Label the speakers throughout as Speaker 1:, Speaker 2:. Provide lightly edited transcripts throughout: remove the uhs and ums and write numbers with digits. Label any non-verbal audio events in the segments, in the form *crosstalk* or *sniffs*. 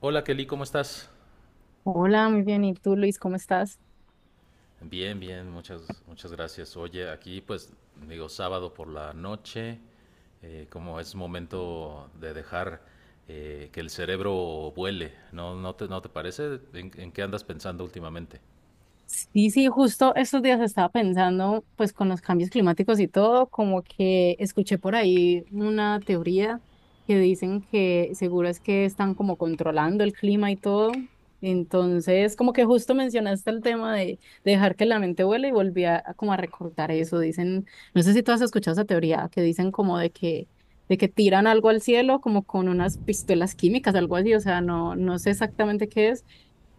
Speaker 1: Hola Kelly, ¿cómo estás?
Speaker 2: Hola, muy bien. ¿Y tú, Luis, cómo estás?
Speaker 1: Bien, bien, muchas, muchas gracias. Oye, aquí pues digo sábado por la noche, como es momento de dejar, que el cerebro vuele. ¿No, no te parece? ¿En qué andas pensando últimamente?
Speaker 2: Sí, sí, justo estos días estaba pensando, pues con los cambios climáticos y todo, como que escuché por ahí una teoría que dicen que seguro es que están como controlando el clima y todo. Entonces, como que justo mencionaste el tema de dejar que la mente vuele y volví a como a recordar eso. Dicen, no sé si tú has escuchado esa teoría, que dicen como de que tiran algo al cielo como con unas pistolas químicas, algo así, o sea, no, no sé exactamente qué es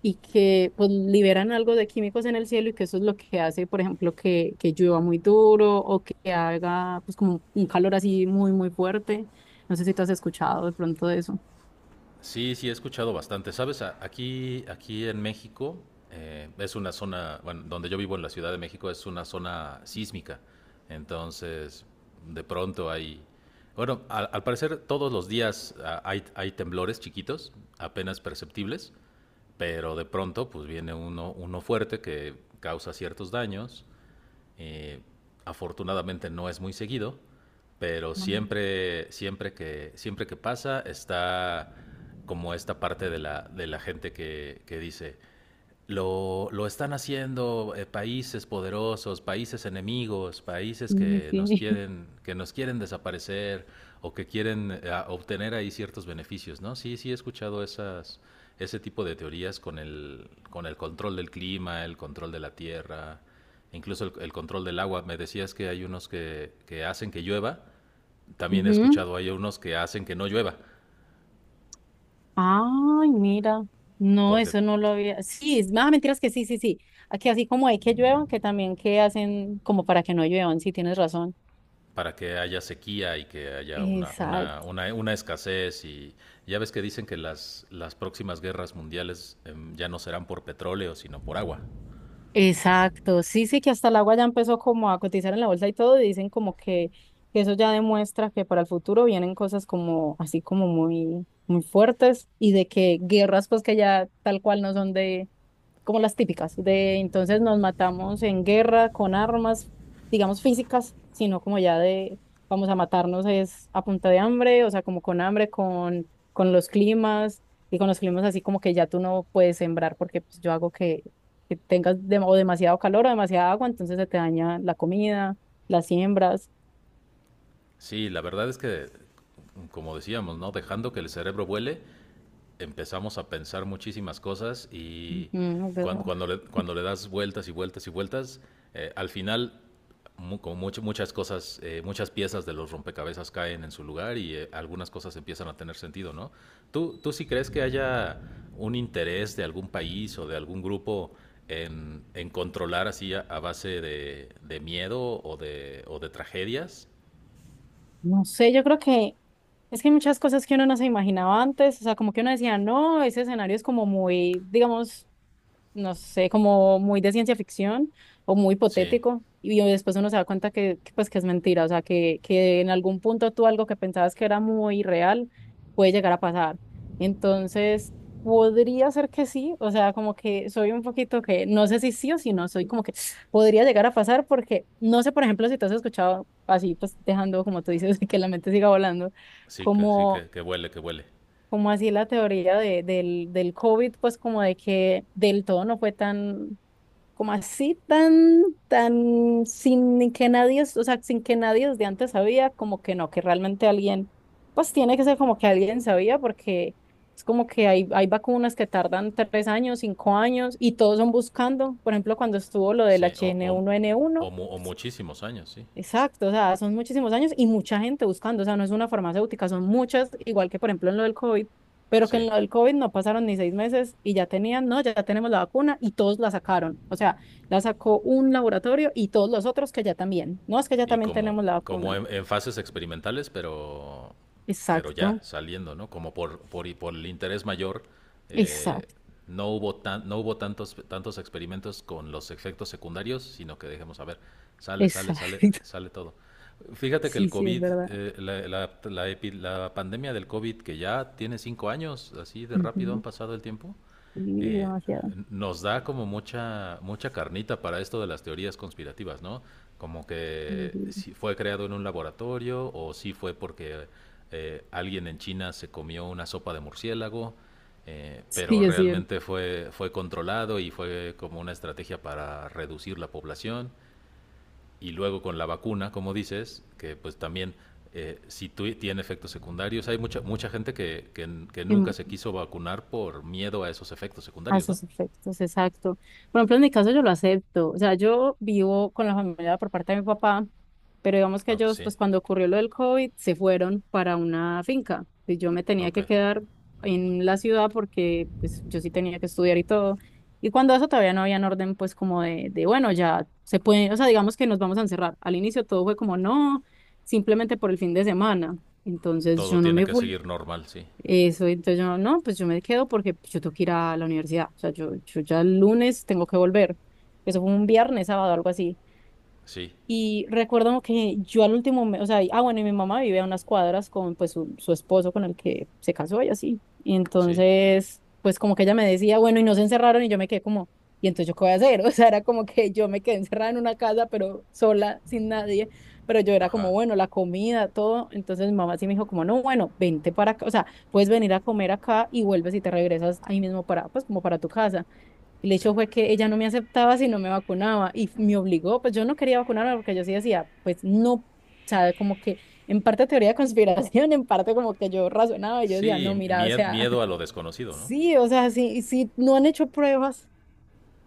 Speaker 2: y que pues liberan algo de químicos en el cielo y que eso es lo que hace, por ejemplo, que llueva muy duro o que haga pues como un calor así muy, muy fuerte. No sé si tú has escuchado de pronto de eso.
Speaker 1: Sí, sí, he escuchado bastante. Sabes, aquí en México, es una zona, bueno, donde yo vivo en la Ciudad de México es una zona sísmica. Entonces, de pronto bueno, al parecer todos los días hay temblores chiquitos, apenas perceptibles, pero de pronto pues viene uno fuerte que causa ciertos daños. Eh, afortunadamente no es muy seguido, pero
Speaker 2: Ah,
Speaker 1: siempre que pasa está como esta parte de la gente que dice, lo están haciendo, países poderosos, países enemigos, países
Speaker 2: sí,
Speaker 1: que
Speaker 2: sí.
Speaker 1: nos
Speaker 2: *laughs*
Speaker 1: quieren, que nos quieren desaparecer o que quieren, obtener ahí ciertos beneficios, ¿no? Sí, sí, he escuchado ese tipo de teorías, con el control del clima, el control de la tierra, incluso el control del agua. Me decías que hay unos que hacen que llueva, también he
Speaker 2: Ujú.
Speaker 1: escuchado hay unos que hacen que no llueva,
Speaker 2: Ay, mira. No,
Speaker 1: porque
Speaker 2: eso no lo había. Sí, es más mentiras que sí, sí, sí. Aquí así como hay que lluevan, que también que hacen como para que no lluevan, sí, tienes razón.
Speaker 1: para que haya sequía y que haya una, una,
Speaker 2: Exacto.
Speaker 1: una, una escasez. Y ya ves que dicen que las próximas guerras mundiales, ya no serán por petróleo, sino por agua.
Speaker 2: Exacto, sí, sí, que hasta el agua ya empezó como a cotizar en la bolsa y todo, y dicen como que eso ya demuestra que para el futuro vienen cosas como así como muy, muy fuertes y de que guerras pues que ya tal cual no son de como las típicas, de entonces nos matamos en guerra con armas, digamos físicas, sino como ya de vamos a matarnos es a punta de hambre, o sea, como con hambre, con los climas, y con los climas así como que ya tú no puedes sembrar porque pues, yo hago que tengas o demasiado calor o demasiada agua, entonces se te daña la comida, las siembras.
Speaker 1: Sí, la verdad es que, como decíamos, ¿no?, dejando que el cerebro vuele, empezamos a pensar muchísimas cosas. Y
Speaker 2: Ujú, es
Speaker 1: cuando,
Speaker 2: verdad.
Speaker 1: cuando, le, cuando le das vueltas y vueltas y vueltas, al final muchas cosas, muchas piezas de los rompecabezas caen en su lugar y, algunas cosas empiezan a tener sentido, ¿no? ¿Tú sí crees que haya un interés de algún país o de algún grupo en controlar así, a base de miedo o de tragedias?
Speaker 2: No sé, yo creo que es que hay muchas cosas que uno no se imaginaba antes, o sea, como que uno decía, no, ese escenario es como muy, digamos, no sé, como muy de ciencia ficción o muy
Speaker 1: Sí,
Speaker 2: hipotético. Y después uno se da cuenta que, pues, que es mentira, o sea, que en algún punto tú algo que pensabas que era muy real puede llegar a pasar. Entonces, podría ser que sí, o sea, como que soy un poquito que, no sé si sí o si no, soy como que *sniffs* podría llegar a pasar porque, no sé, por ejemplo, si te has escuchado así, pues dejando, como tú dices, *laughs* que la mente siga volando,
Speaker 1: sí, sí
Speaker 2: como
Speaker 1: que huele, que huele.
Speaker 2: como así la teoría del COVID, pues como de que del todo no fue tan, como así tan, tan, sin que nadie, o sea, sin que nadie desde antes sabía, como que no, que realmente alguien, pues tiene que ser como que alguien sabía, porque es como que hay vacunas que tardan 3 años, 5 años, y todos son buscando, por ejemplo, cuando estuvo lo del
Speaker 1: Sí,
Speaker 2: H
Speaker 1: o,
Speaker 2: N
Speaker 1: o,
Speaker 2: uno n uno.
Speaker 1: o, o muchísimos años, sí.
Speaker 2: Exacto, o sea, son muchísimos años y mucha gente buscando, o sea, no es una farmacéutica, son muchas, igual que por ejemplo en lo del COVID, pero que
Speaker 1: Sí.
Speaker 2: en lo del COVID no pasaron ni 6 meses y ya tenían, no, ya tenemos la vacuna y todos la sacaron, o sea, la sacó un laboratorio y todos los otros que ya también, no, es que ya
Speaker 1: Y
Speaker 2: también
Speaker 1: como,
Speaker 2: tenemos la
Speaker 1: como
Speaker 2: vacuna.
Speaker 1: en fases experimentales, pero ya
Speaker 2: Exacto,
Speaker 1: saliendo, ¿no? Como por el interés mayor, eh,
Speaker 2: exacto,
Speaker 1: no hubo tantos experimentos con los efectos secundarios, sino que dejemos, a ver, sale, sale, sale,
Speaker 2: exacto. *laughs*
Speaker 1: sale todo. Fíjate que el
Speaker 2: Sí, sí, es
Speaker 1: COVID,
Speaker 2: verdad.
Speaker 1: la pandemia del COVID, que ya tiene 5 años, así de rápido han
Speaker 2: Ujú,
Speaker 1: pasado el tiempo.
Speaker 2: sí,
Speaker 1: eh,
Speaker 2: demasiado.
Speaker 1: nos da como mucha, mucha carnita para esto de las teorías conspirativas, ¿no? Como que
Speaker 2: Ujú.
Speaker 1: si fue creado en un laboratorio, o si fue porque, alguien en China se comió una sopa de murciélago, pero
Speaker 2: Sí, es cierto.
Speaker 1: realmente fue controlado y fue como una estrategia para reducir la población. Y luego con la vacuna, como dices, que pues también, si tu- tiene efectos secundarios, hay mucha, mucha gente que nunca se quiso vacunar por miedo a esos efectos
Speaker 2: A
Speaker 1: secundarios, ¿no?
Speaker 2: esos efectos, exacto. Por ejemplo, en mi caso yo lo acepto. O sea, yo vivo con la familia por parte de mi papá, pero digamos que
Speaker 1: Ok,
Speaker 2: ellos,
Speaker 1: sí,
Speaker 2: pues cuando ocurrió lo del COVID, se fueron para una finca. Y yo me tenía
Speaker 1: ok.
Speaker 2: que quedar en la ciudad porque pues yo sí tenía que estudiar y todo. Y cuando eso todavía no había un orden, pues como bueno, ya se puede, o sea, digamos que nos vamos a encerrar. Al inicio todo fue como, no, simplemente por el fin de semana. Entonces yo
Speaker 1: Todo
Speaker 2: no
Speaker 1: tiene
Speaker 2: me
Speaker 1: que
Speaker 2: fui.
Speaker 1: seguir normal, sí.
Speaker 2: Eso, entonces yo, no, pues yo me quedo porque yo tengo que ir a la universidad. O sea, yo ya el lunes tengo que volver. Eso fue un viernes, sábado, algo así.
Speaker 1: Sí,
Speaker 2: Y recuerdo que yo al último, o sea, ah, bueno, y mi mamá vive a unas cuadras con pues su esposo con el que se casó y así. Y
Speaker 1: sí.
Speaker 2: entonces, pues como que ella me decía, bueno, y no se encerraron y yo me quedé como, ¿y entonces yo qué voy a hacer? *laughs* O sea, era como que yo me quedé encerrada en una casa, pero sola, sin nadie. Pero yo era como,
Speaker 1: Ajá,
Speaker 2: bueno, la comida, todo. Entonces mi mamá sí me dijo como, no, bueno, vente para acá, o sea, puedes venir a comer acá y vuelves y te regresas ahí mismo para, pues como para tu casa. El
Speaker 1: sí.
Speaker 2: hecho fue que ella no me aceptaba si no me vacunaba y me obligó, pues yo no quería vacunarme porque yo sí decía, pues no, o sea, como que en parte teoría de conspiración, *laughs* en parte como que yo razonaba y yo decía, no,
Speaker 1: Sí,
Speaker 2: mira, o
Speaker 1: mie-
Speaker 2: sea,
Speaker 1: miedo a lo
Speaker 2: *laughs*
Speaker 1: desconocido, ¿no?
Speaker 2: sí, o sea, sí, sí, no han hecho pruebas,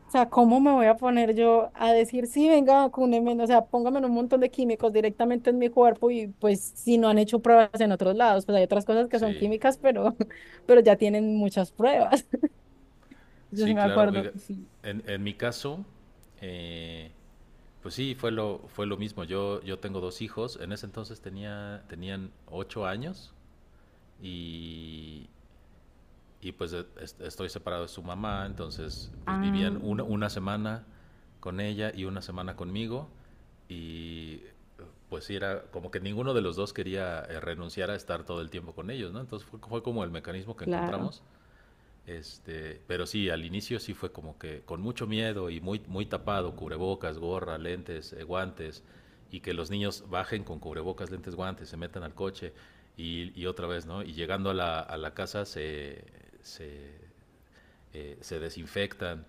Speaker 2: o sea, ¿cómo me voy a poner yo a decir, sí, venga, vacúnenme, o sea, pónganme un montón de químicos directamente en mi cuerpo y pues si no han hecho pruebas en otros lados, pues hay otras cosas que son
Speaker 1: Sí,
Speaker 2: químicas, pero, *laughs* pero ya tienen muchas pruebas. *laughs* Yo sí
Speaker 1: sí,
Speaker 2: me
Speaker 1: claro.
Speaker 2: acuerdo,
Speaker 1: Oiga,
Speaker 2: sí.
Speaker 1: en mi caso, eh, pues sí, fue lo mismo. Yo tengo dos hijos. En ese entonces tenían 8 años, y, y pues estoy separado de su mamá, entonces pues vivían
Speaker 2: Ah,
Speaker 1: una semana con ella y una semana conmigo. Y pues sí, era como que ninguno de los dos quería, renunciar a estar todo el tiempo con ellos, ¿no? Entonces fue como el mecanismo que
Speaker 2: claro.
Speaker 1: encontramos, pero sí, al inicio sí fue como que con mucho miedo y muy, muy tapado: cubrebocas, gorra, lentes, guantes, y que los niños bajen con cubrebocas, lentes, guantes, se metan al coche y otra vez, ¿no? Y llegando a la casa se, se desinfectan.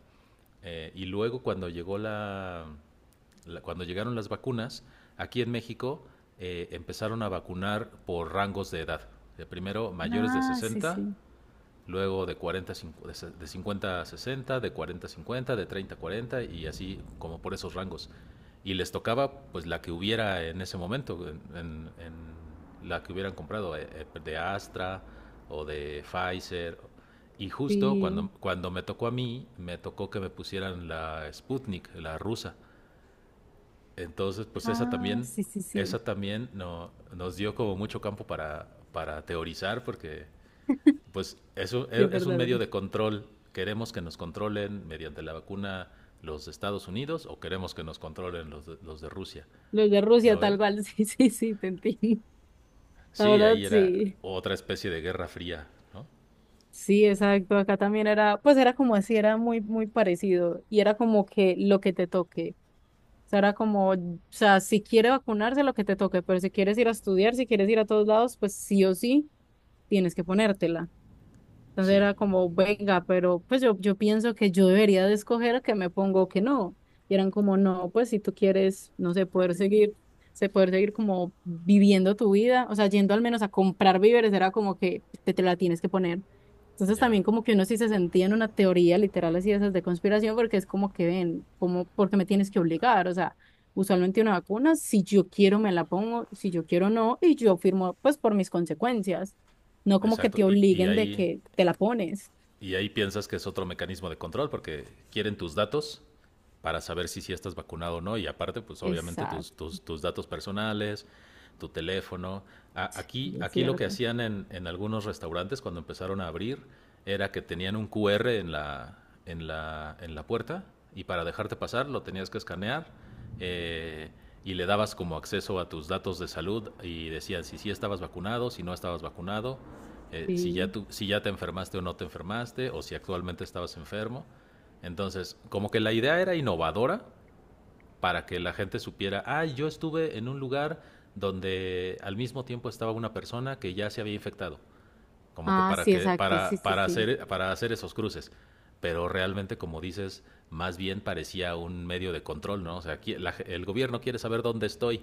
Speaker 1: Y luego cuando llegó la, la- cuando llegaron las vacunas, aquí en México, empezaron a vacunar por rangos de edad. Primero mayores de
Speaker 2: Ah, sí,
Speaker 1: 60,
Speaker 2: sí.
Speaker 1: luego de 40, de 50 a 60, de 40 a 50, de 30 a 40, y así como por esos rangos. Y les tocaba pues la que hubiera en ese momento, en la que hubieran comprado, de Astra o de Pfizer. Y justo cuando,
Speaker 2: Sí,
Speaker 1: cuando me tocó a mí, me tocó que me pusieran la Sputnik, la rusa. Entonces pues
Speaker 2: ah, sí, sí, sí.
Speaker 1: esa también no, nos dio como mucho campo para teorizar, porque pues eso
Speaker 2: Sí, es
Speaker 1: es un
Speaker 2: verdad,
Speaker 1: medio
Speaker 2: verdad.
Speaker 1: de control. Queremos que nos controlen mediante la vacuna los de Estados Unidos, o queremos que nos controlen los de Rusia,
Speaker 2: Los de Rusia,
Speaker 1: ¿no ves?
Speaker 2: tal cual, *laughs* sí, sí, sí, te entiendo. La
Speaker 1: Sí,
Speaker 2: verdad,
Speaker 1: ahí era
Speaker 2: sí.
Speaker 1: otra especie de guerra fría, ¿no?
Speaker 2: Sí, exacto. Acá también era, pues era como así, era muy, muy parecido. Y era como que lo que te toque. O sea, era como, o sea, si quiere vacunarse, lo que te toque, pero si quieres ir a estudiar, si quieres ir a todos lados, pues sí o sí, tienes que ponértela. Entonces
Speaker 1: Sí,
Speaker 2: era como, venga, pero pues yo pienso que yo debería de escoger que me pongo o que no. Y eran como, no, pues si tú quieres, no sé, poder seguir, se poder seguir como viviendo tu vida, o sea, yendo al menos a comprar víveres, era como que te la tienes que poner. Entonces
Speaker 1: ya,
Speaker 2: también como que uno sí se sentía en una teoría literal así de esas de conspiración, porque es como que ven, como, ¿porque me tienes que obligar? O sea, usualmente una vacuna, si yo quiero me la pongo, si yo quiero no, y yo firmo pues por mis consecuencias, no como que
Speaker 1: exacto.
Speaker 2: te
Speaker 1: Y, y
Speaker 2: obliguen de
Speaker 1: ahí
Speaker 2: que te la pones.
Speaker 1: y ahí piensas que es otro mecanismo de control, porque quieren tus datos para saber si estás vacunado o no. Y aparte, pues obviamente tus,
Speaker 2: Exacto,
Speaker 1: tus, tus datos personales, tu teléfono. A- aquí,
Speaker 2: es
Speaker 1: aquí lo que
Speaker 2: cierto.
Speaker 1: hacían en algunos restaurantes cuando empezaron a abrir era que tenían un QR en la puerta, y para dejarte pasar lo tenías que escanear, eh, y le dabas como acceso a tus datos de salud, y decían si sí estabas vacunado, si no estabas vacunado,
Speaker 2: Sí.
Speaker 1: si ya te enfermaste o no te enfermaste, o si actualmente estabas enfermo. Entonces, como que la idea era innovadora, para que la gente supiera: ah, yo estuve en un lugar donde al mismo tiempo estaba una persona que ya se había infectado, como que
Speaker 2: Ah,
Speaker 1: para
Speaker 2: sí,
Speaker 1: que
Speaker 2: exacto. Sí,
Speaker 1: para
Speaker 2: sí,
Speaker 1: para
Speaker 2: sí.
Speaker 1: hacer para hacer esos cruces, pero realmente, como dices, más bien parecía un medio de control, ¿no? O sea, aquí el gobierno quiere saber dónde estoy,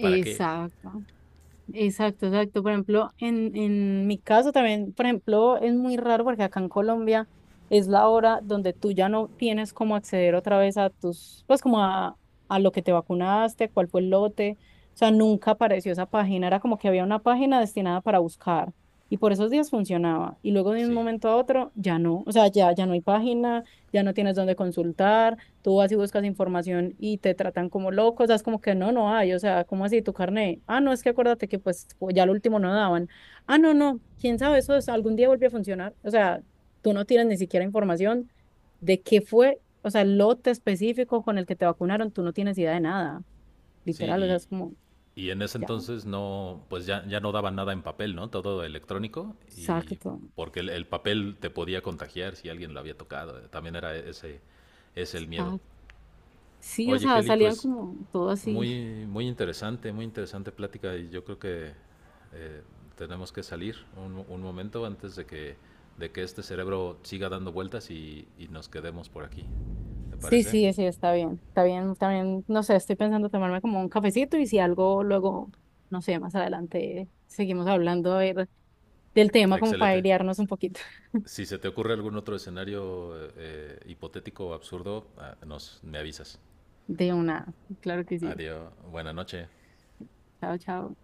Speaker 1: ¿para qué?
Speaker 2: Exacto, exacto. Por ejemplo, en mi caso también, por ejemplo, es muy raro porque acá en Colombia es la hora donde tú ya no tienes cómo acceder otra vez a tus, pues como a lo que te vacunaste, cuál fue el lote. O sea, nunca apareció esa página. Era como que había una página destinada para buscar y por esos días funcionaba. Y luego de un
Speaker 1: Sí.
Speaker 2: momento a otro ya no. O sea, ya no hay página, ya no tienes dónde consultar, tú vas y buscas información y te tratan como loco, o sea, es como que no, no hay, o sea, ¿cómo así tu carnet? Ah, no, es que acuérdate que pues ya lo último no daban. Ah, no, no, quién sabe, algún día vuelve a funcionar, o sea, tú no tienes ni siquiera información de qué fue, o sea, el lote específico con el que te vacunaron, tú no tienes idea de nada, literal, o sea,
Speaker 1: Sí.
Speaker 2: es como,
Speaker 1: Y en ese
Speaker 2: ya,
Speaker 1: entonces no, pues ya no daban nada en papel, ¿no? Todo electrónico. Y
Speaker 2: exacto,
Speaker 1: porque el papel te podía contagiar si alguien lo había tocado. También es el miedo.
Speaker 2: exacto. Sí, o
Speaker 1: Oye,
Speaker 2: sea,
Speaker 1: Kelly,
Speaker 2: salían
Speaker 1: pues
Speaker 2: como todo así.
Speaker 1: muy, muy interesante plática, y yo creo que, eh, tenemos que salir un momento antes de que, este cerebro siga dando vueltas y nos quedemos por aquí. ¿Te
Speaker 2: Sí,
Speaker 1: parece?
Speaker 2: sí, sí, está bien, también, no sé, estoy pensando tomarme como un cafecito y si algo luego, no sé, más adelante seguimos hablando a ver, del tema como para
Speaker 1: Excelente.
Speaker 2: airearnos un poquito. *laughs*
Speaker 1: Si se te ocurre algún otro escenario, hipotético o absurdo, me avisas.
Speaker 2: De una, claro que sí.
Speaker 1: Adiós. Buena noche.
Speaker 2: Chao, chao.